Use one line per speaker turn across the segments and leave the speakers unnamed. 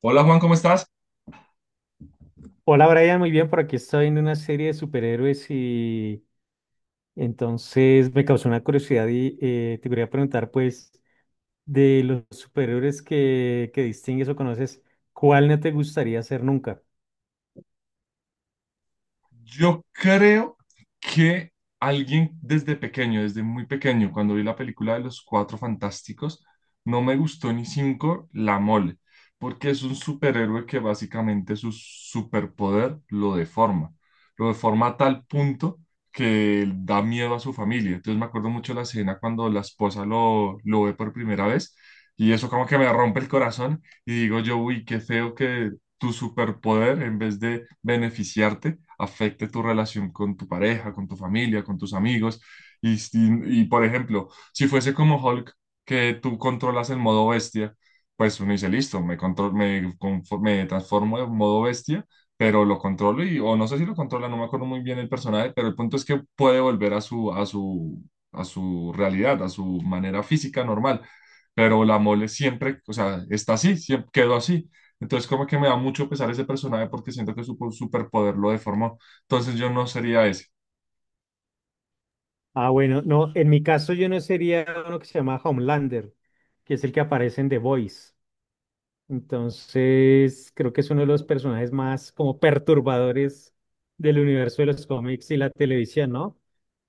Hola Juan, ¿cómo estás?
Hola Brian, muy bien, por aquí estoy en una serie de superhéroes y entonces me causó una curiosidad y te quería preguntar pues de los superhéroes que distingues o conoces, ¿cuál no te gustaría ser nunca?
Yo creo que alguien desde pequeño, desde muy pequeño, cuando vi la película de los Cuatro Fantásticos, no me gustó ni cinco la mole, porque es un superhéroe que básicamente su superpoder lo deforma. Lo deforma a tal punto que da miedo a su familia. Entonces me acuerdo mucho la escena cuando la esposa lo ve por primera vez y eso como que me rompe el corazón y digo yo, uy, qué feo que tu superpoder, en vez de beneficiarte, afecte tu relación con tu pareja, con tu familia, con tus amigos. Por ejemplo, si fuese como Hulk, que tú controlas el modo bestia, pues uno dice, listo, me, control, me, confo- me transformo en modo bestia, pero lo controlo y, o no sé si lo controla, no me acuerdo muy bien el personaje, pero el punto es que puede volver a su realidad, a su manera física normal. Pero la mole siempre, o sea, está así, siempre quedó así. Entonces, como que me da mucho pesar ese personaje porque siento que superpoder lo deformó. Entonces, yo no sería ese.
Ah, bueno, no, en mi caso yo no sería uno que se llama Homelander, que es el que aparece en The Voice. Entonces, creo que es uno de los personajes más como perturbadores del universo de los cómics y la televisión, ¿no?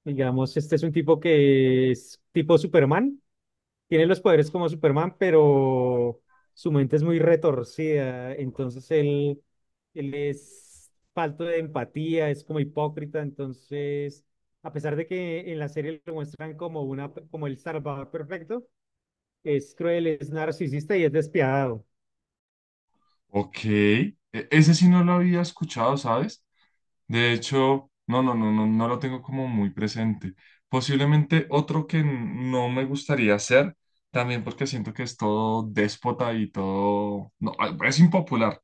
Digamos, este es un tipo que es tipo Superman, tiene los poderes como Superman, pero su mente es muy retorcida, entonces él es falto de empatía, es como hipócrita, entonces, a pesar de que en la serie lo muestran como una, como el salvador perfecto, es cruel, es narcisista y es despiadado.
Ok. Ese sí no lo había escuchado, ¿sabes? De hecho, no lo tengo como muy presente. Posiblemente otro que no me gustaría ser, también porque siento que es todo déspota y todo. No, ah, es impopular,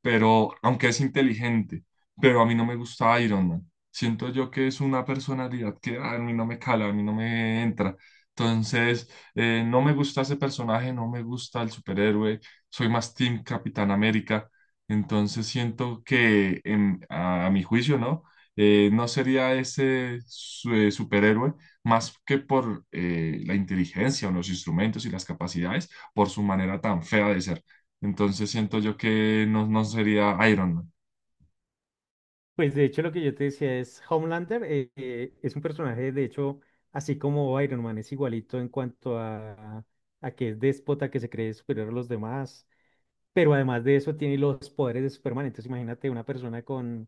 pero aunque es inteligente, pero a mí no me gusta Iron Man. Siento yo que es una personalidad que a mí no me cala, a mí no me entra. Entonces, no me gusta ese personaje, no me gusta el superhéroe, soy más Team Capitán América. Entonces, siento que a mi juicio, ¿no? No sería ese superhéroe más que por la inteligencia o los instrumentos y las capacidades, por su manera tan fea de ser. Entonces siento yo que no, no sería Iron Man.
Pues de hecho lo que yo te decía es Homelander, es un personaje de hecho así como Iron Man, es igualito en cuanto a que es déspota, que se cree superior a los demás, pero además de eso tiene los poderes de Superman. Entonces imagínate una persona con,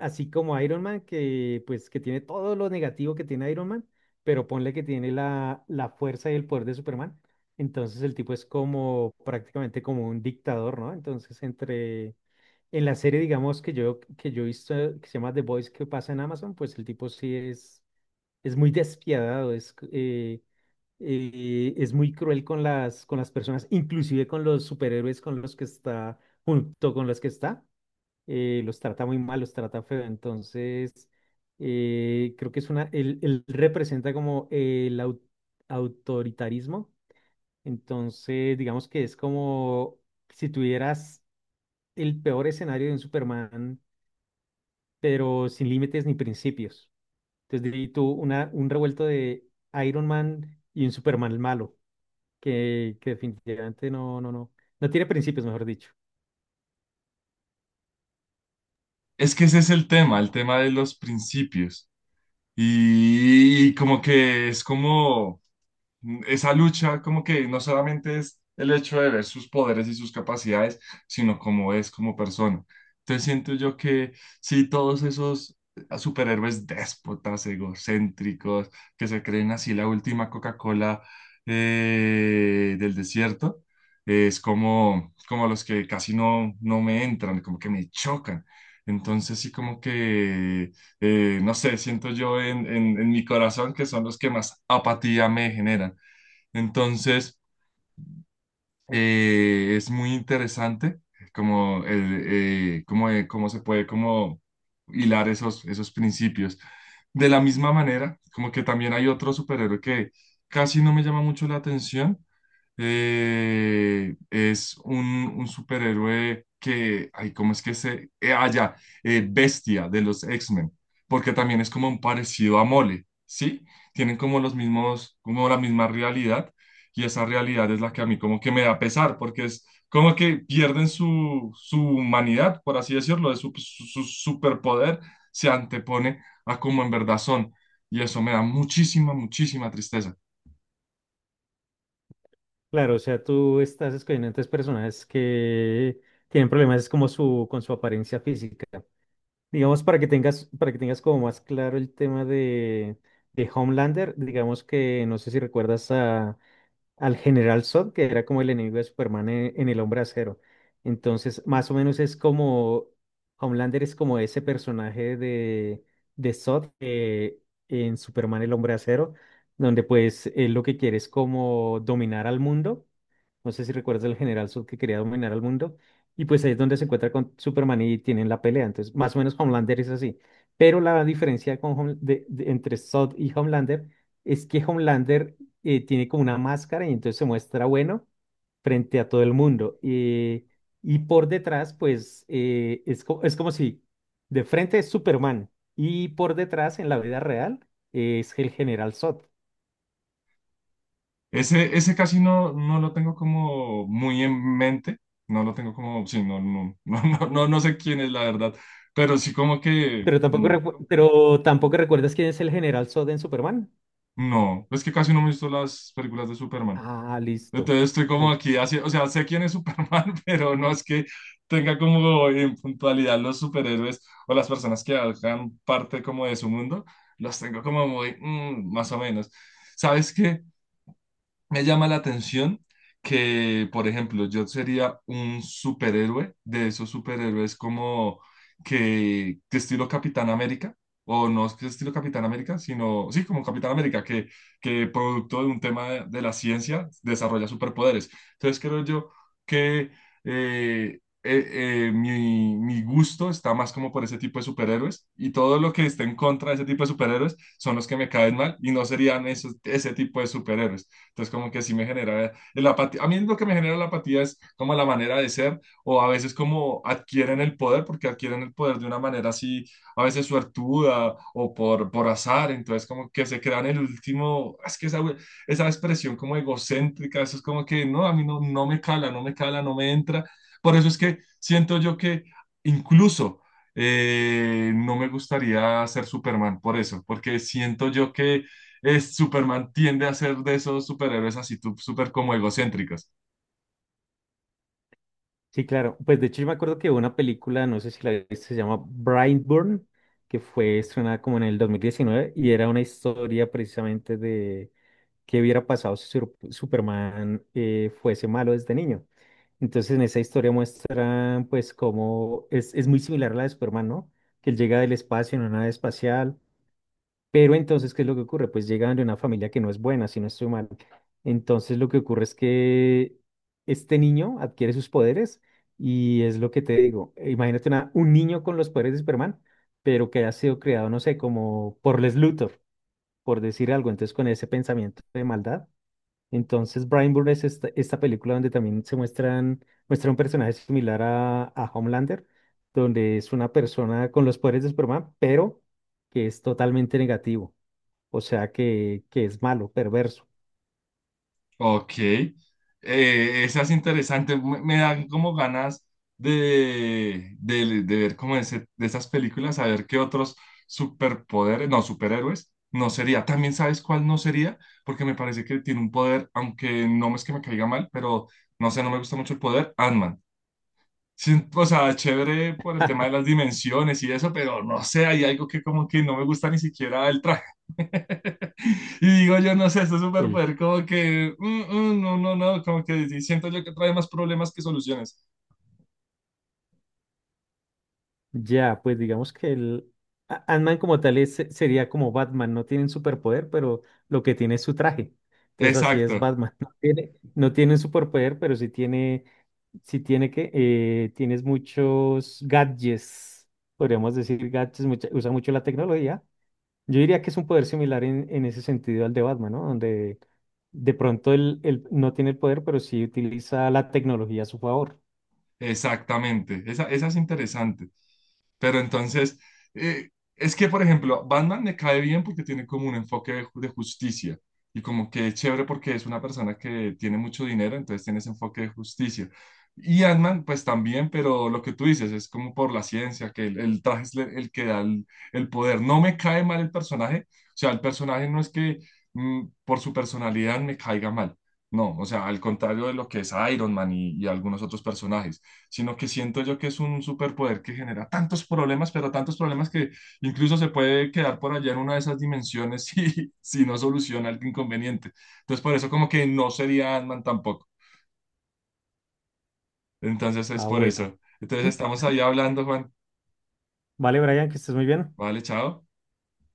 así como Iron Man, que pues que tiene todo lo negativo que tiene Iron Man, pero ponle que tiene la fuerza y el poder de Superman. Entonces el tipo es como prácticamente como un dictador, ¿no? Entonces entre en la serie, digamos, que yo he visto, que se llama The Boys, que pasa en Amazon, pues el tipo sí es muy despiadado, es muy cruel con las personas, inclusive con los superhéroes con los que está, junto con los que está, los trata muy mal, los trata feo. Entonces, creo que es una, él representa como el autoritarismo. Entonces, digamos que es como si tuvieras el peor escenario de un Superman pero sin límites ni principios. Entonces, de ahí tú una, un revuelto de Iron Man y un Superman malo, que definitivamente no tiene principios, mejor dicho.
Es que ese es el tema de los principios. Y como que es como... Esa lucha como que no solamente es el hecho de ver sus poderes y sus capacidades, sino cómo es como persona. Entonces siento yo que sí, todos esos superhéroes déspotas, egocéntricos, que se creen así la última Coca-Cola del desierto, es como, como los que casi no, no me entran, como que me chocan. Entonces sí como que no sé, siento yo en, en mi corazón que son los que más apatía me generan. Entonces, es muy interesante como el, cómo, cómo se puede como hilar esos, esos principios. De la misma manera, como que también hay otro superhéroe que casi no me llama mucho la atención, es un superhéroe que, ay, ¿cómo es que se...? Ya, Bestia de los X-Men, porque también es como un parecido a Mole, ¿sí? Tienen como los mismos, como la misma realidad, y esa realidad es la que a mí como que me da pesar, porque es como que pierden su, su humanidad, por así decirlo, de su superpoder, se antepone a como en verdad son, y eso me da muchísima, muchísima tristeza.
Claro, o sea, tú estás escogiendo entonces personajes que tienen problemas como su, con su apariencia física. Digamos, para que tengas como más claro el tema de Homelander, digamos que no sé si recuerdas al General Zod, que era como el enemigo de Superman en El Hombre Acero. Entonces, más o menos es como Homelander es como ese personaje de Zod, en Superman El Hombre Acero, donde pues él lo que quiere es como dominar al mundo. No sé si recuerdas al general Zod que quería dominar al mundo. Y pues ahí es donde se encuentra con Superman y tienen la pelea. Entonces, más o menos Homelander es así. Pero la diferencia con entre Zod y Homelander es que Homelander tiene como una máscara y entonces se muestra bueno frente a todo el mundo. Y por detrás, pues es, es como si de frente es Superman y por detrás, en la vida real, es el general Zod.
Ese casi no, no lo tengo como muy en mente, no lo tengo como, sí, no, no, no sé quién es la verdad, pero sí como que,
Pero tampoco, pero tampoco recuerdas quién es el general Zod en Superman.
no, es que casi no me he visto las películas de Superman.
Ah, listo.
Entonces estoy como
O-
aquí, así, o sea, sé quién es Superman, pero no es que tenga como en puntualidad los superhéroes o las personas que hagan parte como de su mundo, los tengo como muy, mm, más o menos. ¿Sabes qué? Me llama la atención que, por ejemplo, yo sería un superhéroe de esos superhéroes como que estilo Capitán América, o no es que estilo Capitán América, sino, sí, como Capitán América, que producto de un tema de la ciencia desarrolla superpoderes. Entonces creo yo que mi, mi gusto está más como por ese tipo de superhéroes y todo lo que esté en contra de ese tipo de superhéroes son los que me caen mal y no serían esos, ese tipo de superhéroes. Entonces, como que así me genera la apatía. A mí lo que me genera la apatía es como la manera de ser, o a veces como adquieren el poder, porque adquieren el poder de una manera así, a veces suertuda o por azar. Entonces, como que se crean el último, es que esa expresión como egocéntrica, eso es como que no, a mí no, no me cala, no me cala, no me entra. Por eso es que siento yo que incluso no me gustaría ser Superman por eso, porque siento yo que es Superman tiende a ser de esos superhéroes así tú, súper como egocéntricos.
Sí, claro. Pues de hecho yo me acuerdo que hubo una película, no sé si la viste, se llama Brightburn, que fue estrenada como en el 2019 y era una historia precisamente de qué hubiera pasado si Superman, fuese malo desde niño. Entonces en esa historia muestran pues cómo es muy similar a la de Superman, ¿no? Que él llega del espacio en una nave espacial. Pero entonces, ¿qué es lo que ocurre? Pues llegan de una familia que no es buena, si no estoy mal. Entonces, lo que ocurre es que este niño adquiere sus poderes y es lo que te digo. Imagínate un niño con los poderes de Superman, pero que haya sido creado, no sé, como por Les Luthor, por decir algo. Entonces, con ese pensamiento de maldad. Entonces, Brian Bourne es esta, esta película donde también se muestran, muestra un personaje similar a Homelander, donde es una persona con los poderes de Superman, pero que es totalmente negativo. O sea que es malo, perverso.
Ok, esa es interesante, me dan como ganas de ver como de esas películas, a ver qué otros superpoderes, no, superhéroes, no sería. También sabes cuál no sería, porque me parece que tiene un poder, aunque no es que me caiga mal, pero no sé, no me gusta mucho el poder, Ant-Man. Sí, o sea, chévere por el tema de las dimensiones y eso, pero no sé, hay algo que como que no me gusta ni siquiera el traje. Y digo, yo no sé, este
El,
superpoder como que, mm, no, como que sí, siento yo que trae más problemas que soluciones.
ya, pues digamos que el Ant-Man como tal sería como Batman, no tienen superpoder, pero lo que tiene es su traje. Entonces así es
Exacto,
Batman. No tiene, no tiene un superpoder, pero sí tiene que, tienes muchos gadgets, podríamos decir gadgets, usa mucho la tecnología. Yo diría que es un poder similar en ese sentido al de Batman, ¿no? Donde de pronto él no tiene el poder, pero sí utiliza la tecnología a su favor.
exactamente. Esa, esa es interesante. Pero entonces, eh, es que, por ejemplo, Batman me cae bien porque tiene como un enfoque de, de justicia y como que es chévere porque es una persona que tiene mucho dinero, entonces tiene ese enfoque de justicia. Y Ant-Man, pues también, pero lo que tú dices es como por la ciencia, que el traje es el que da el poder. No me cae mal el personaje, o sea, el personaje no es que mm, por su personalidad me caiga mal, no, o sea, al contrario de lo que es Iron Man y algunos otros personajes, sino que siento yo que es un superpoder que genera tantos problemas, pero tantos problemas que incluso se puede quedar por allá en una de esas dimensiones si, si no soluciona el inconveniente. Entonces, por eso como que no sería Ant-Man tampoco. Entonces, es
Ah,
por
bueno.
eso. Entonces, estamos ahí hablando, Juan.
Vale, Brian, que estés muy bien.
Vale, chao.